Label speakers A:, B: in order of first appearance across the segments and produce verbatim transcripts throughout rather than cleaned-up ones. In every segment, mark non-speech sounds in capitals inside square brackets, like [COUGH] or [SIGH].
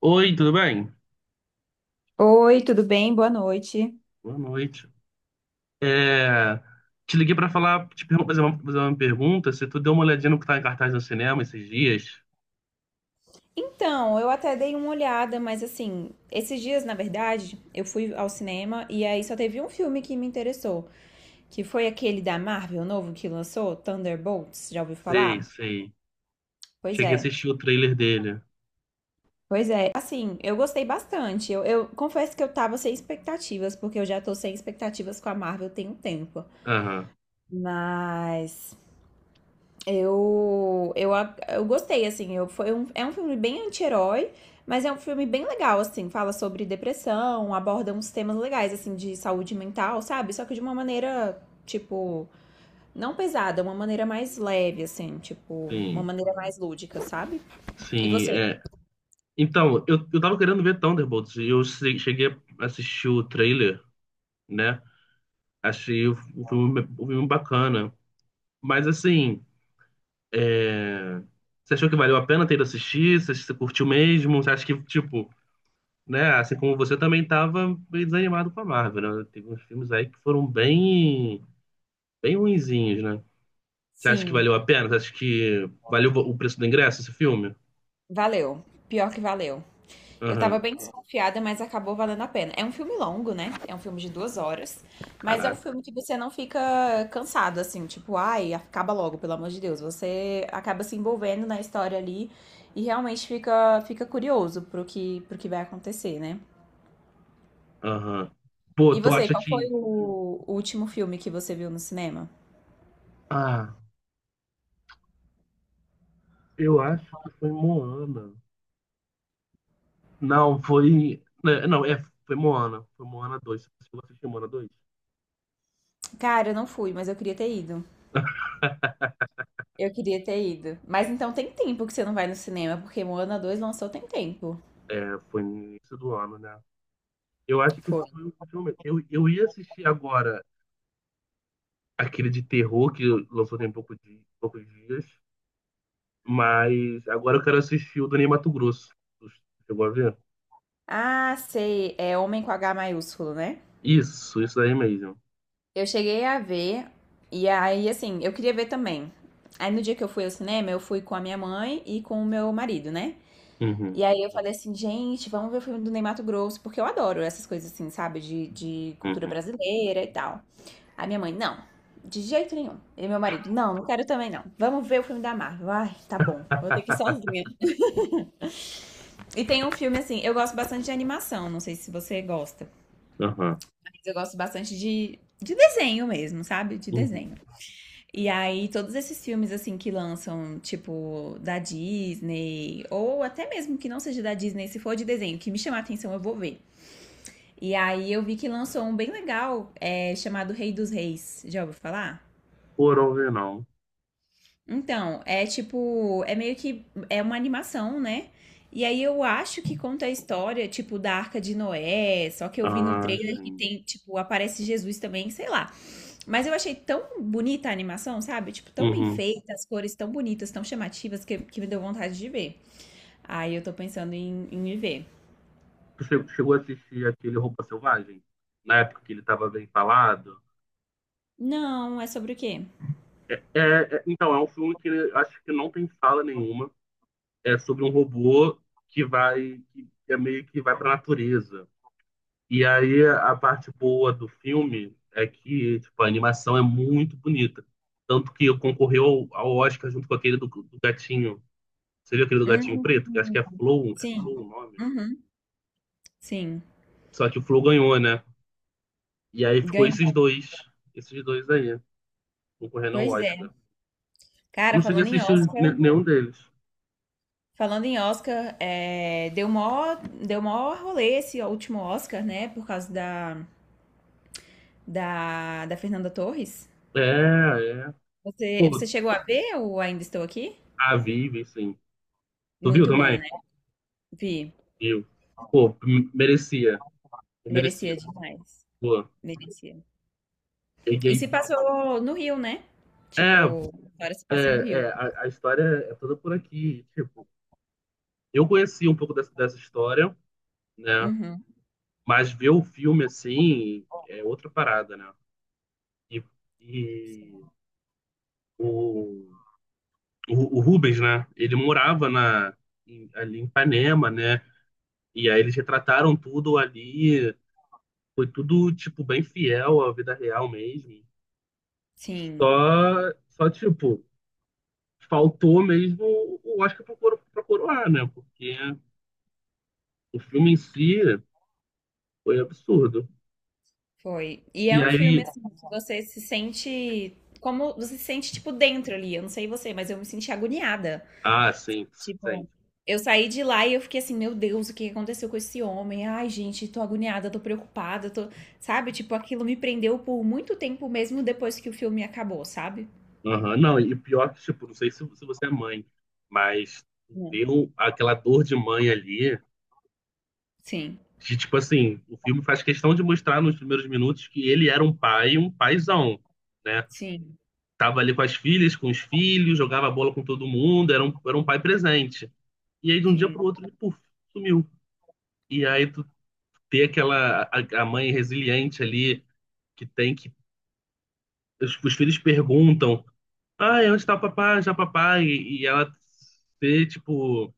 A: Oi, tudo bem?
B: Oi, tudo bem? Boa noite.
A: Boa noite. É, Te liguei para falar, te pergun- fazer uma, fazer uma pergunta, se tu deu uma olhadinha no que tá em cartaz no cinema esses dias.
B: Então, eu até dei uma olhada, mas assim, esses dias, na verdade, eu fui ao cinema e aí só teve um filme que me interessou, que foi aquele da Marvel novo que lançou, Thunderbolts, já ouviu
A: Sei,
B: falar?
A: sei.
B: Pois
A: Cheguei a
B: é.
A: assistir o trailer dele.
B: Pois é, assim, eu gostei bastante. Eu, eu confesso que eu tava sem expectativas, porque eu já tô sem expectativas com a Marvel tem um tempo.
A: Aham,
B: Mas Eu, eu, eu gostei, assim. Eu, foi um, é um filme bem anti-herói, mas é um filme bem legal, assim. Fala sobre depressão, aborda uns temas legais, assim, de saúde mental, sabe? Só que de uma maneira, tipo, não pesada, uma maneira mais leve, assim, tipo, uma
A: sim.
B: maneira mais lúdica, sabe? E
A: Sim,
B: você?
A: é. Então, eu, eu tava querendo ver Thunderbolts e eu se- cheguei a assistir o trailer, né? Achei o, o filme, o filme bacana. Mas assim, é, você achou que valeu a pena ter ido assistir? Você, você curtiu mesmo? Você acha que, tipo, né? Assim como você também estava meio desanimado com a Marvel, né? Teve uns filmes aí que foram bem, bem ruinzinhos, né? Você acha que
B: Sim,
A: valeu a pena? Você acha que valeu o preço do ingresso esse filme?
B: valeu. Pior que valeu. Eu tava
A: Aham,
B: bem desconfiada, mas acabou valendo a pena. É um filme longo, né? É um filme de duas horas. Mas é um
A: caraca.
B: filme que você não fica cansado, assim, tipo, ai, acaba logo, pelo amor de Deus. Você acaba se envolvendo na história ali e realmente fica, fica curioso pro que, pro que vai acontecer, né?
A: Aham. Pô,
B: E
A: tu
B: você,
A: acha
B: qual foi
A: que.
B: o o último filme que você viu no cinema?
A: Ah, eu acho que foi Moana. Não, foi. Né, não, é, foi Moana. Foi Moana dois. Você chegou a assistir Moana dois?
B: Cara, eu não fui, mas eu queria ter ido. Eu queria ter ido. Mas então tem tempo que você não vai no cinema, porque Moana dois lançou tem tempo.
A: É, foi no início do ano, né? Eu acho que isso
B: Foi.
A: foi o último momento. Eu, eu ia assistir agora aquele de terror que lançou tem pouco de, poucos dias. Mas agora eu quero assistir o do Ney Matogrosso. Tu chegou a ver?
B: Ah, sei. É Homem com H maiúsculo, né?
A: Isso, isso aí mesmo.
B: Eu cheguei a ver, e aí, assim, eu queria ver também. Aí no dia que eu fui ao cinema, eu fui com a minha mãe e com o meu marido, né?
A: Uhum,
B: E aí eu falei assim, gente, vamos ver o filme do Ney Matogrosso, porque eu adoro essas coisas assim, sabe? De, de cultura
A: uhum.
B: brasileira e tal. A minha mãe, não, de jeito nenhum. E meu marido, não, não quero também não. Vamos ver o filme da Marvel. Ai, tá bom, vou ter que ir
A: [LAUGHS]
B: sozinha. E tem um filme assim, eu gosto bastante de animação, não sei se você gosta.
A: Aham,
B: Eu gosto bastante de, de desenho mesmo, sabe? De
A: uhum.
B: desenho. E aí, todos esses filmes, assim, que lançam, tipo, da Disney, ou até mesmo que não seja da Disney, se for de desenho, que me chamar a atenção, eu vou ver. E aí, eu vi que lançou um bem legal, é, chamado Rei dos Reis. Já ouviu falar?
A: Foram ver, não.
B: Então, é tipo, é meio que, é uma animação, né? E aí eu acho que conta a história, tipo, da Arca de Noé, só que eu vi no
A: Ah,
B: trailer que
A: sim.
B: tem, tipo, aparece Jesus também, sei lá. Mas eu achei tão bonita a animação, sabe? Tipo, tão bem
A: Uhum.
B: feita, as cores tão bonitas, tão chamativas, que, que me deu vontade de ver. Aí eu tô pensando em, em ir ver.
A: Tu che- chegou a assistir aquele Roupa Selvagem? Na época que ele tava bem falado?
B: Não, é sobre o quê?
A: É, é, então, é um filme que acho que não tem fala nenhuma. É sobre um robô que vai, que é meio que vai pra natureza. E aí a parte boa do filme é que tipo, a animação é muito bonita. Tanto que concorreu ao, ao Oscar junto com aquele do, do gatinho. Você viu aquele do gatinho
B: Uhum,
A: preto? Que acho que é Flow, é
B: sim.
A: Flow o nome.
B: Uhum, sim.
A: Só que o Flow ganhou, né? E aí ficou esses
B: Ganhou.
A: dois, esses dois aí, concorrendo ao
B: Pois é.
A: Oscar. Eu
B: Cara,
A: não cheguei a
B: falando em
A: assistir os-
B: Oscar,
A: ne- nenhum deles.
B: falando em Oscar, é, deu mó, deu mó rolê esse último Oscar, né? Por causa da, da, da Fernanda Torres.
A: É, é.
B: Você, você
A: Pô,
B: chegou a ver ou ainda estou aqui?
A: a Vive, sim. Tu viu
B: Muito bom,
A: também?
B: né? Vi.
A: Viu. Pô, m- merecia. É
B: Merecia
A: merecido.
B: demais.
A: Pô.
B: Merecia.
A: E, e,
B: E se passou no Rio, né?
A: é,
B: Tipo, agora se
A: É,
B: passa no Rio.
A: é, a, a história é toda por aqui. Tipo, eu conheci um pouco dessa, dessa história, né?
B: Uhum.
A: Mas ver o filme assim é outra parada, né? E, e o, o, o Rubens, né? Ele morava na, em- ali em Ipanema, né? E aí eles retrataram tudo ali. Foi tudo, tipo, bem fiel à vida real mesmo.
B: Sim,
A: Só, só tipo, faltou mesmo o Oscar pra coro- pra coroar, né? Porque o filme em si. Foi absurdo.
B: foi. E é
A: E
B: um filme
A: aí,
B: assim que você se sente como você se sente tipo dentro ali. Eu não sei você, mas eu me senti agoniada.
A: ah, sim, sim.
B: Tipo, eu saí de lá e eu fiquei assim, meu Deus, o que aconteceu com esse homem? Ai, gente, tô agoniada, tô preocupada, tô, sabe? Tipo, aquilo me prendeu por muito tempo mesmo depois que o filme acabou, sabe?
A: Aham, não, e pior que, tipo, não sei se, se você é mãe, mas
B: Né?
A: viu aquela dor de mãe ali,
B: Sim,
A: que, tipo assim, o filme faz questão de mostrar nos primeiros minutos que ele era um pai, um paizão, né?
B: sim,
A: Tava ali com as filhas, com os filhos, jogava bola com todo mundo, era um, era um pai presente. E aí, de um dia
B: sim,
A: pro outro, ele, puf, sumiu. E aí, tu ter aquela, a, a mãe resiliente ali, que tem que, os os filhos perguntam, ah, é onde está o papai? Já papai. E, e ela ser, tipo,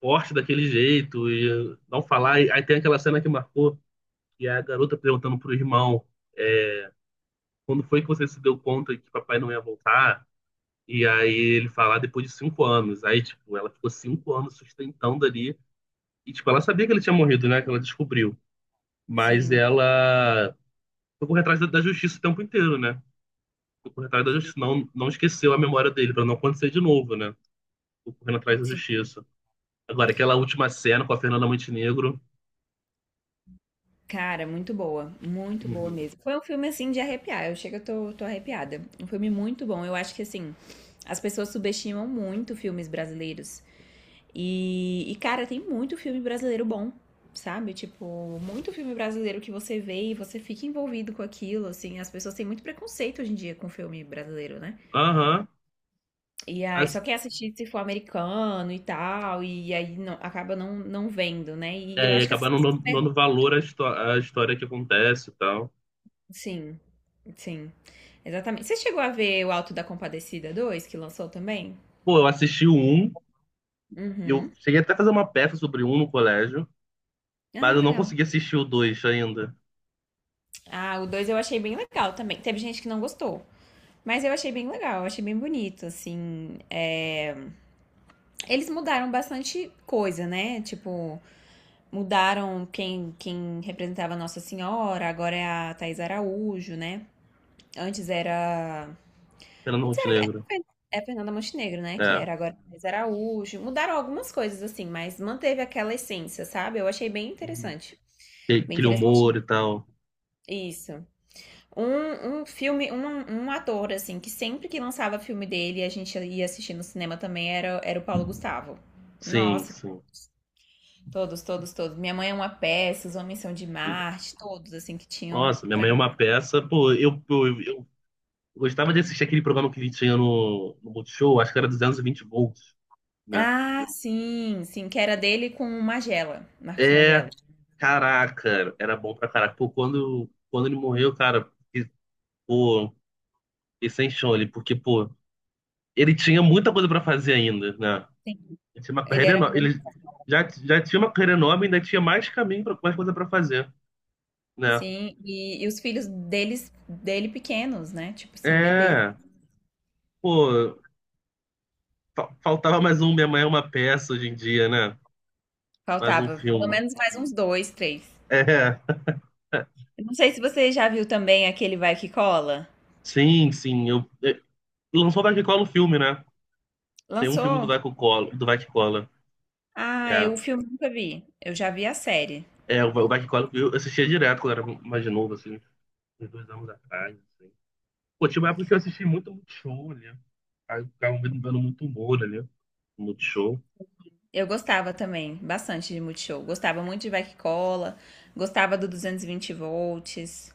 A: forte daquele jeito e não falar. E, aí tem aquela cena que marcou, que é a garota perguntando pro irmão, quando foi que você se deu conta que papai não ia voltar? E aí ele fala, "Ah, depois de cinco anos." Aí, tipo, ela ficou cinco anos sustentando ali. E, tipo, ela sabia que ele tinha morrido, né? Que ela descobriu. Mas
B: sim,
A: ela foi correr atrás da, da justiça o tempo inteiro, né? Foi correr atrás da
B: sim,
A: justiça. Não, não esqueceu a memória dele, pra não acontecer de novo, né? Ficou correndo atrás da
B: sim.
A: justiça. Agora, aquela última cena com a Fernanda Montenegro.
B: Cara, muito boa, muito boa
A: Uhum.
B: mesmo. Foi um filme assim de arrepiar. Eu chego, eu tô, tô arrepiada. Um filme muito bom. Eu acho que assim, as pessoas subestimam muito filmes brasileiros. E, e cara, tem muito filme brasileiro bom, sabe? Tipo, muito filme brasileiro que você vê e você fica envolvido com aquilo, assim. As pessoas têm muito preconceito hoje em dia com filme brasileiro, né?
A: Aham.
B: E aí,
A: As-
B: só quer assistir se for americano e tal, e aí não, acaba não, não vendo, né? E eu
A: É, e
B: acho que essas
A: acabar não
B: pessoas.
A: dando dando valor à, histó- à história que acontece e tal.
B: Sim, sim. Exatamente. Você chegou a ver o Alto da Compadecida dois que lançou também?
A: Pô, eu assisti o um. Eu
B: Uhum.
A: cheguei até a fazer uma peça sobre um no colégio. Mas
B: Ah,
A: eu não
B: legal.
A: consegui assistir o dois ainda.
B: Ah, o dois eu achei bem legal também. Teve gente que não gostou. Mas eu achei bem legal, eu achei bem bonito, assim. é, Eles mudaram bastante coisa, né? Tipo, mudaram quem, quem representava Nossa Senhora, agora é a Thais Araújo, né? Antes era
A: Fernanda
B: Antes era era
A: Montenegro.
B: Fer- é Fernanda Montenegro, né? Que
A: É.
B: era agora Thais Araújo. Mudaram algumas coisas, assim, mas manteve aquela essência, sabe? Eu achei bem
A: Uhum.
B: interessante.
A: E-
B: Bem
A: aquele
B: interessante.
A: humor e tal.
B: Isso. Um, um filme, um, um ator, assim, que sempre que lançava filme dele, a gente ia assistir no cinema também, era, era o Paulo Gustavo.
A: Sim,
B: Nossa,
A: sim.
B: todos, todos, todos. Minha Mãe é uma Peça, Os Homens São de Marte, todos, assim, que tinham
A: Nossa, minha
B: pra.
A: mãe é uma peça. Pô, eu, eu, eu eu gostava de assistir aquele programa que ele tinha no, no Multishow. Acho que era duzentos e vinte volts. Né?
B: Ah, sim, sim, que era dele com o Magela, Marcos
A: É,
B: Magela.
A: caraca, era bom pra caraca. Pô, quando, quando ele morreu, cara, e, pô, e sem chão ele, porque, pô, ele tinha muita coisa pra fazer ainda, né?
B: Sim.
A: Ele tinha uma
B: Ele
A: carreira
B: era
A: enorme.
B: muito.
A: Ele já, já tinha uma carreira enorme, ainda tinha mais caminho, pra, mais coisa pra fazer, né?
B: Sim, e e os filhos deles dele pequenos, né, tipo assim, bebê.
A: É, pô, fa- faltava mais um Minha Mãe é uma Peça hoje em dia, né? Mais um
B: Faltava pelo
A: filme.
B: menos mais uns dois três.
A: É,
B: Eu não sei se você já viu também aquele Vai Que Cola.
A: [LAUGHS] sim, sim. Eu, eu, lançou o Dark Cola o filme, né? Tem um filme do
B: Lançou?
A: Dark Cola, do Dark Cola.
B: Ah,
A: É.
B: eu o filme nunca vi. Eu já vi a série.
A: É, o, o Bike eu assistia direto quando eu era mais novo, assim, uns dois anos atrás, assim. Pô, tinha uma época que eu assisti muito Multishow ali. Aí eu ficava vendo vendo muito humor ali. Multishow.
B: Eu gostava também bastante de Multishow. Gostava muito de Vai Que Cola, gostava do duzentos e vinte volts.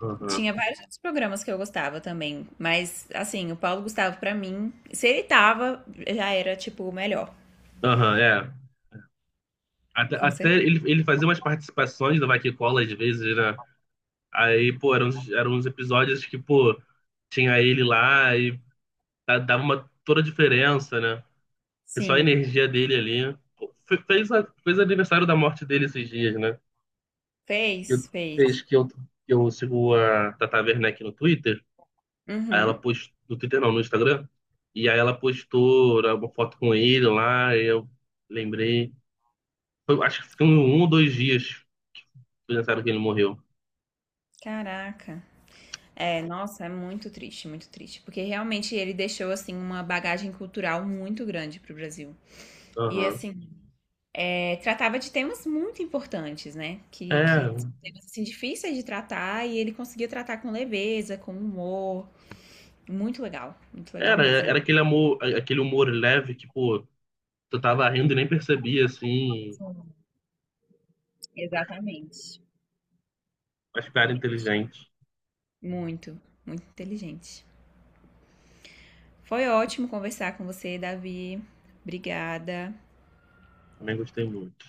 A: Aham.
B: Tinha vários outros programas que eu gostava também, mas assim, o Paulo Gustavo pra mim, se ele tava, já era tipo o melhor,
A: Aham, é. Até,
B: com
A: até
B: certeza.
A: ele, ele fazia umas participações do Vai Que Cola às vezes, né? Aí, pô, eram, uns- eram uns episódios que, pô, tinha ele lá e da- dava uma toda a diferença, né? E só a
B: Sim,
A: energia dele ali. Pô, fe- Fez, a- fez aniversário da morte dele esses dias, né? Que
B: fez, fez.
A: fez que eu, que eu sigo a Tata Werneck no Twitter. Aí
B: Uhum.
A: ela postou, no Twitter não, no Instagram. E aí ela postou né, uma foto com ele lá, e eu lembrei. Foi- acho que ficou um ou dois dias que pensaram que ele morreu.
B: Caraca. É, nossa, é muito triste, muito triste, porque realmente ele deixou assim uma bagagem cultural muito grande para o Brasil. E
A: Aham.
B: assim, é, tratava de temas muito importantes, né? Que, que
A: É,
B: temas assim, difíceis de tratar e ele conseguia tratar com leveza, com humor. Muito legal, muito legal
A: era,
B: mesmo.
A: era aquele amor, aquele humor leve que, pô, tu tava rindo e nem percebia, assim,
B: Sim. Exatamente,
A: mas cara
B: exatamente.
A: inteligente.
B: Muito, muito inteligente. Foi ótimo conversar com você, Davi. Obrigada.
A: Também gostei muito.